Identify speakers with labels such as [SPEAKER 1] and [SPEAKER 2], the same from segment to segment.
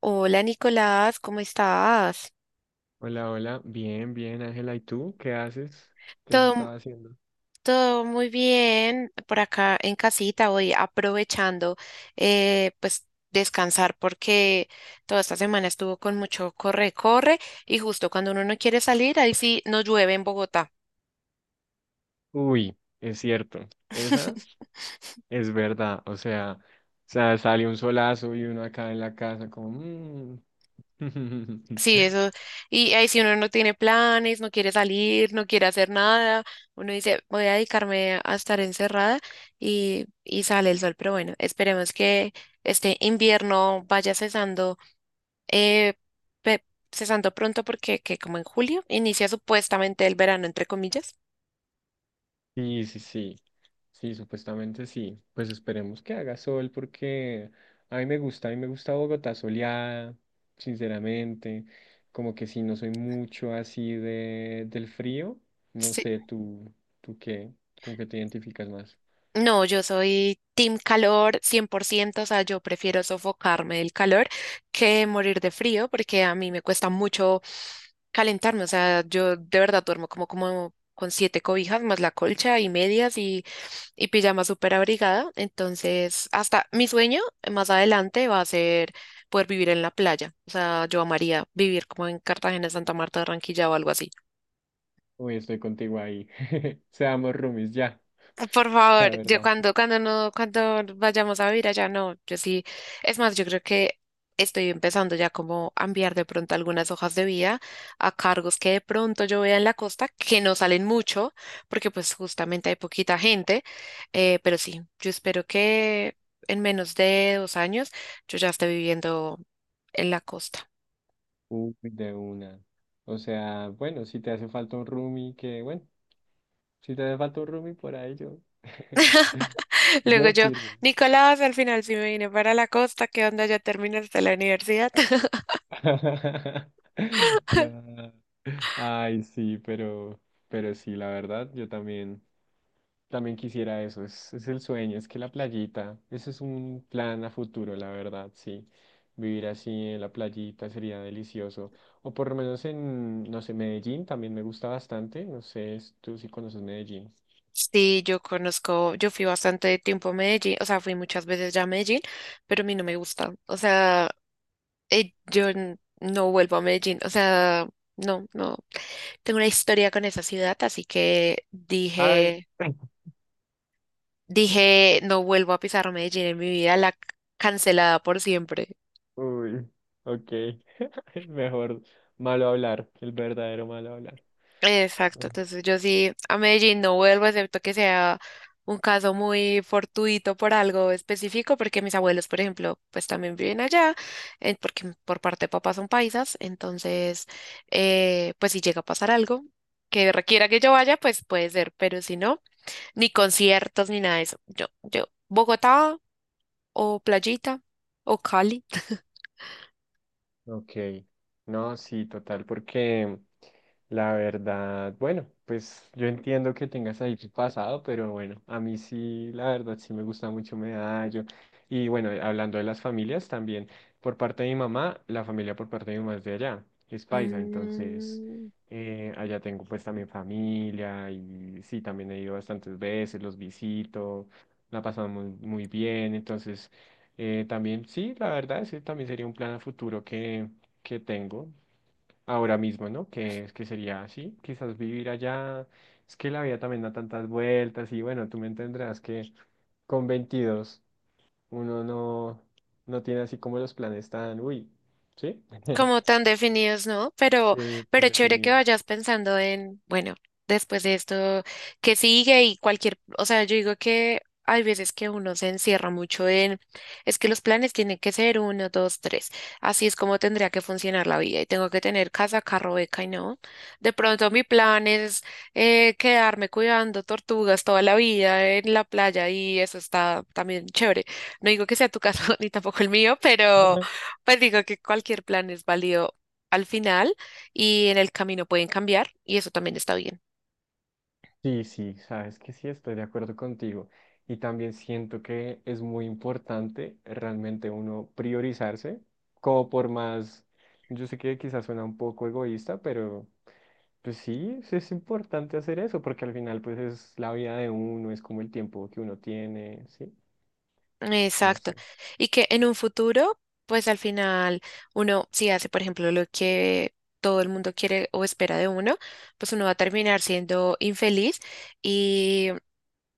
[SPEAKER 1] Hola Nicolás, ¿cómo estás?
[SPEAKER 2] Hola, hola. Bien, bien, Ángela. ¿Y tú? ¿Qué haces? ¿Qué has
[SPEAKER 1] Todo,
[SPEAKER 2] estado haciendo?
[SPEAKER 1] todo muy bien por acá en casita, hoy aprovechando eh, pues descansar porque toda esta semana estuvo con mucho corre, corre y justo cuando uno no quiere salir, ahí sí nos llueve en Bogotá.
[SPEAKER 2] Uy, es cierto. Esa es verdad. O sea, sale un solazo y uno acá en la casa como... "Mm".
[SPEAKER 1] Sí, eso. Y ahí si uno no tiene planes, no quiere salir, no quiere hacer nada, uno dice, voy a dedicarme a estar encerrada y sale el sol. Pero bueno, esperemos que este invierno vaya cesando, eh, pe- cesando pronto porque que como en julio inicia supuestamente el verano, entre comillas.
[SPEAKER 2] Sí, sí, sí. Sí, supuestamente sí. Pues esperemos que haga sol porque a mí me gusta Bogotá soleada, sinceramente. Como que sí, no soy mucho así de del frío. No
[SPEAKER 1] Sí.
[SPEAKER 2] sé, tú, tú qué, con qué te identificas más.
[SPEAKER 1] No, yo soy team calor 100%, o sea, yo prefiero sofocarme del calor que morir de frío porque a mí me cuesta mucho calentarme, o sea, yo de verdad duermo como, como con siete cobijas más la colcha y medias y pijama súper abrigada, entonces hasta mi sueño más adelante va a ser poder vivir en la playa, o sea, yo amaría vivir como en Cartagena, Santa Marta, Barranquilla o algo así.
[SPEAKER 2] Uy, estoy contigo ahí. Seamos roomies ya,
[SPEAKER 1] Por
[SPEAKER 2] la
[SPEAKER 1] favor, yo
[SPEAKER 2] verdad.
[SPEAKER 1] cuando, cuando no, cuando vayamos a vivir allá, no, yo sí, es más, yo creo que estoy empezando ya como a enviar de pronto algunas hojas de vida a cargos que de pronto yo vea en la costa, que no salen mucho, porque pues justamente hay poquita gente, pero sí, yo espero que en menos de 2 años yo ya esté viviendo en la costa.
[SPEAKER 2] Uy, de una. O sea, bueno, si te hace falta un roomie, que bueno. Si te hace falta un roomie, por ahí yo.
[SPEAKER 1] Luego
[SPEAKER 2] Yo
[SPEAKER 1] yo,
[SPEAKER 2] firme.
[SPEAKER 1] Nicolás, al final sí me vine para la costa, ¿qué onda? ¿Ya terminaste la universidad?
[SPEAKER 2] No. Ay, sí, pero sí, la verdad, yo también quisiera eso. Es el sueño, es que la playita, ese es un plan a futuro, la verdad, sí. Vivir así en la playita sería delicioso. O por lo menos en, no sé, Medellín también me gusta bastante. No sé, tú si conoces Medellín.
[SPEAKER 1] Sí, yo conozco, yo fui bastante tiempo a Medellín, o sea, fui muchas veces ya a Medellín, pero a mí no me gusta, o sea, no vuelvo a Medellín, o sea, no, no, tengo una historia con esa ciudad, así que
[SPEAKER 2] Ay.
[SPEAKER 1] dije, dije, no vuelvo a pisar Medellín en mi vida, cancelada por siempre.
[SPEAKER 2] Uy, ok. Mejor malo hablar, el verdadero malo hablar.
[SPEAKER 1] Exacto, entonces yo sí a Medellín no vuelvo, excepto que sea un caso muy fortuito por algo específico, porque mis abuelos, por ejemplo, pues también viven allá, porque por parte de papá son paisas, entonces, pues si llega a pasar algo que requiera que yo vaya, pues puede ser, pero si no, ni conciertos ni nada de eso. Bogotá o Playita o Cali.
[SPEAKER 2] Ok, no, sí, total, porque la verdad, bueno, pues yo entiendo que tengas ahí tu pasado, pero bueno, a mí sí, la verdad, sí me gusta mucho Medallo. Y bueno, hablando de las familias también, por parte de mi mamá, la familia por parte de mi mamá es de allá, es paisa, entonces
[SPEAKER 1] Mm,
[SPEAKER 2] allá tengo pues también familia y sí, también he ido bastantes veces, los visito, la pasamos muy, muy bien, entonces... También, sí, la verdad, ese también sería un plan a futuro que tengo ahora mismo, ¿no? Que es que sería así, quizás vivir allá. Es que la vida también da tantas vueltas y bueno, tú me entenderás que con 22 uno no tiene así como los planes tan, uy, ¿sí?
[SPEAKER 1] como tan definidos, ¿no?
[SPEAKER 2] Sí, tan
[SPEAKER 1] Pero chévere que
[SPEAKER 2] definidos.
[SPEAKER 1] vayas pensando en, bueno, después de esto, ¿qué sigue? Y cualquier, o sea, yo digo que hay veces que uno se encierra mucho en, es que los planes tienen que ser uno, dos, tres. Así es como tendría que funcionar la vida y tengo que tener casa, carro, beca y no. De pronto mi plan es quedarme cuidando tortugas toda la vida en la playa y eso está también chévere. No digo que sea tu caso ni tampoco el mío, pero... Pues digo que cualquier plan es válido al final y en el camino pueden cambiar y eso también está bien.
[SPEAKER 2] Sí, sí, sabes que sí, estoy de acuerdo contigo. Y también siento que es muy importante realmente uno priorizarse, como por más, yo sé que quizás suena un poco egoísta, pero pues sí, sí es importante hacer eso, porque al final pues es la vida de uno, es como el tiempo que uno tiene, ¿sí? No
[SPEAKER 1] Exacto.
[SPEAKER 2] sé.
[SPEAKER 1] Y que en un futuro, pues al final uno, si hace, por ejemplo, lo que todo el mundo quiere o espera de uno, pues uno va a terminar siendo infeliz,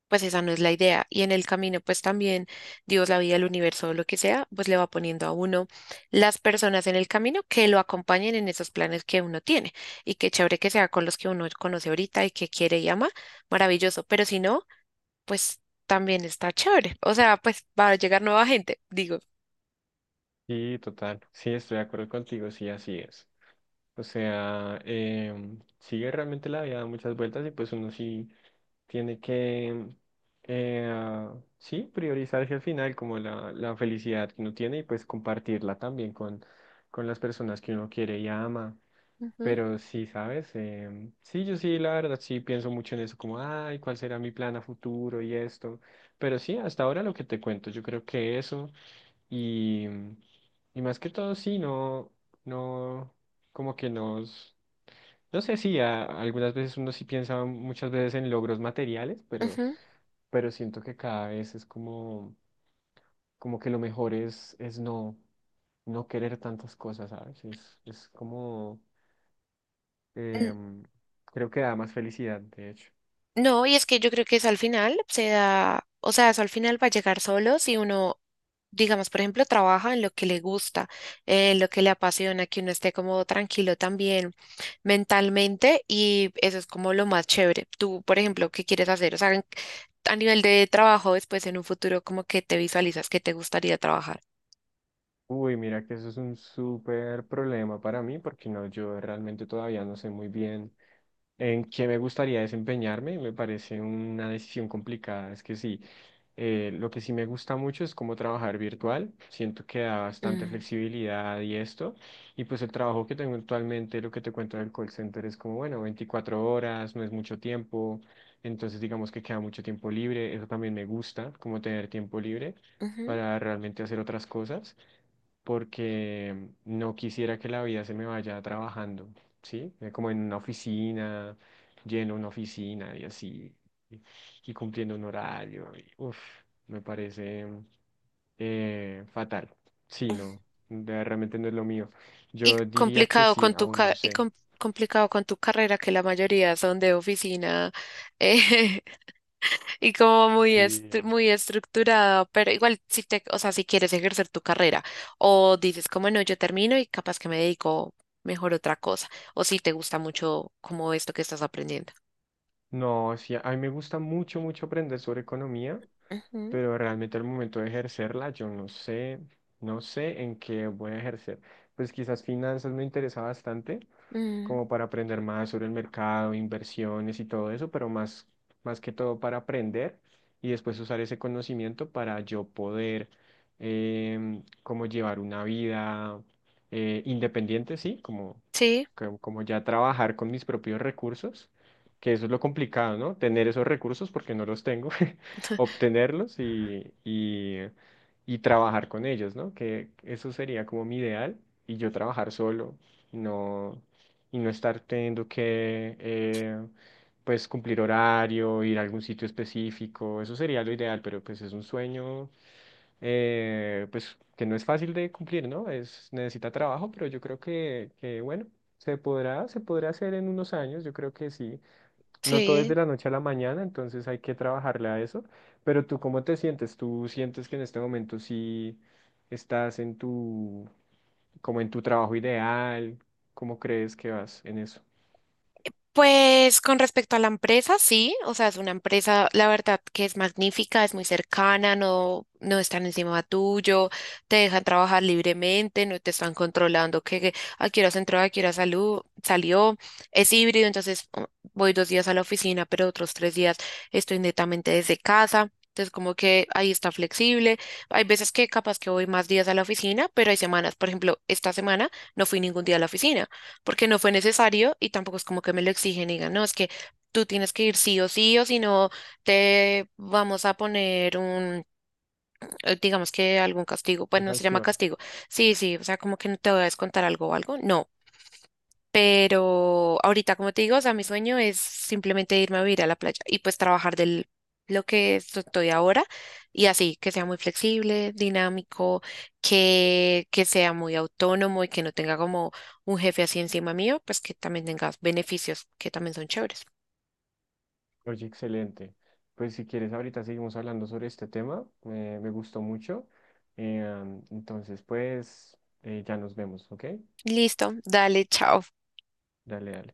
[SPEAKER 1] pues esa no es la idea. Y en el camino, pues también Dios, la vida, el universo, lo que sea, pues le va poniendo a uno las personas en el camino que lo acompañen en esos planes que uno tiene. Y qué chévere que sea con los que uno conoce ahorita y que quiere y ama, maravilloso. Pero si no, pues también está chévere. O sea, pues va a llegar nueva gente, digo.
[SPEAKER 2] Sí, total. Sí, estoy de acuerdo contigo, sí, así es. O sea, sigue realmente la vida da muchas vueltas y pues uno sí. Tiene que, sí, priorizarse al final como la felicidad que uno tiene y pues compartirla también con las personas que uno quiere y ama.
[SPEAKER 1] Ujú,
[SPEAKER 2] Pero sí, ¿sabes? Sí, yo sí, la verdad, sí pienso mucho en eso, como, ay, ¿cuál será mi plan a futuro y esto? Pero sí, hasta ahora lo que te cuento, yo creo que eso. Y, y más que todo, sí, no, no, como que nos, no sé si algunas veces uno sí piensa muchas veces en logros materiales, pero siento que cada vez es como, como que lo mejor es no querer tantas cosas, ¿sabes? Es como,
[SPEAKER 1] ujú.
[SPEAKER 2] em, creo que da más felicidad, de hecho.
[SPEAKER 1] No, y es que yo creo que eso al final se da, o sea, eso al final va a llegar solo si uno, digamos, por ejemplo, trabaja en lo que le gusta, en lo que le apasiona, que uno esté como tranquilo también mentalmente y eso es como lo más chévere. Tú, por ejemplo, ¿qué quieres hacer? O sea, a nivel de trabajo, después en un futuro, ¿como que te visualizas que te gustaría trabajar?
[SPEAKER 2] Uy, mira que eso es un súper problema para mí, porque no, yo realmente todavía no sé muy bien en qué me gustaría desempeñarme, me parece una decisión complicada. Es que sí, lo que sí me gusta mucho es cómo trabajar virtual. Siento que da bastante
[SPEAKER 1] Mm,
[SPEAKER 2] flexibilidad y esto. Y pues el trabajo que tengo actualmente, lo que te cuento del call center es como, bueno, 24 horas, no es mucho tiempo. Entonces digamos que queda mucho tiempo libre. Eso también me gusta, como tener tiempo libre para realmente hacer otras cosas porque no quisiera que la vida se me vaya trabajando, ¿sí? Como en una oficina, lleno una oficina y así, y, cumpliendo un horario, y, uf, me parece fatal. Sí,
[SPEAKER 1] ujú.
[SPEAKER 2] no, de- realmente no es lo mío.
[SPEAKER 1] Y
[SPEAKER 2] Yo diría que sí, aún no sé.
[SPEAKER 1] complicado con tu carrera, que la mayoría son de oficina eh, y como
[SPEAKER 2] Y
[SPEAKER 1] muy estructurada, pero igual si te, o sea, si quieres ejercer tu carrera o dices como no, yo termino y capaz que me dedico mejor a otra cosa, o si te gusta mucho como esto que estás aprendiendo.
[SPEAKER 2] no, sí, a mí me gusta mucho, mucho aprender sobre economía.
[SPEAKER 1] Ujú,
[SPEAKER 2] Pero realmente al momento de ejercerla, yo no sé, no sé en qué voy a ejercer. Pues quizás finanzas me interesa bastante,
[SPEAKER 1] mm,
[SPEAKER 2] como para aprender más sobre el mercado, inversiones y todo eso, pero más que todo para aprender y después usar ese conocimiento para yo poder como llevar una vida independiente, sí, como,
[SPEAKER 1] sí,
[SPEAKER 2] como, como ya trabajar con mis propios recursos, que eso es lo complicado, ¿no? Tener esos recursos porque no los tengo, obtenerlos y trabajar con ellos, ¿no? Que eso sería como mi ideal y yo trabajar solo. No, y no estar teniendo que pues cumplir horario, ir a algún sitio específico, eso sería lo ideal, pero pues es un sueño pues que no es fácil de cumplir, ¿no? Es, necesita trabajo, pero yo creo que bueno, se podrá hacer en unos años, yo creo que sí. No todo es de
[SPEAKER 1] sí.
[SPEAKER 2] la noche a la mañana, entonces hay que trabajarle a eso. Pero tú, ¿cómo te sientes? ¿Tú sientes que en este momento sí estás como en tu trabajo ideal? ¿Cómo crees que vas en eso?
[SPEAKER 1] Pues con respecto a la empresa, sí, o sea, es una empresa, la verdad que es magnífica, es muy cercana, no, no están encima tuyo, te dejan trabajar libremente, no te están controlando a qué horas entró, a qué hora salú- salió, es híbrido, voy 2 días a la oficina, pero otros 3 días estoy netamente desde casa. Entonces, como que ahí está flexible. Hay veces que capaz que voy más días a la oficina, pero hay semanas, por ejemplo, esta semana no fui ningún día a la oficina porque no fue necesario y tampoco es como que me lo exigen y digan, no, es que tú tienes que ir sí o sí o si no te vamos a poner un, digamos que algún castigo, pues
[SPEAKER 2] La
[SPEAKER 1] no se llama
[SPEAKER 2] canción.
[SPEAKER 1] castigo. Sí, sí, o sea, como que no te voy a descontar algo o algo. No. Pero ahorita, como te digo, o sea, mi sueño es simplemente irme a vivir a la playa y pues trabajar del estoy ahora y así, que sea muy flexible, dinámico, que sea muy autónomo y que no tenga como un jefe así encima mío, pues que también tengas beneficios que también son chéveres.
[SPEAKER 2] Oye, excelente. Pues si quieres, ahorita seguimos hablando sobre este tema. Me gustó mucho. Eh, entonces, pues, ya nos vemos, ¿ok?
[SPEAKER 1] Listo, dale, chao.
[SPEAKER 2] Dale, dale.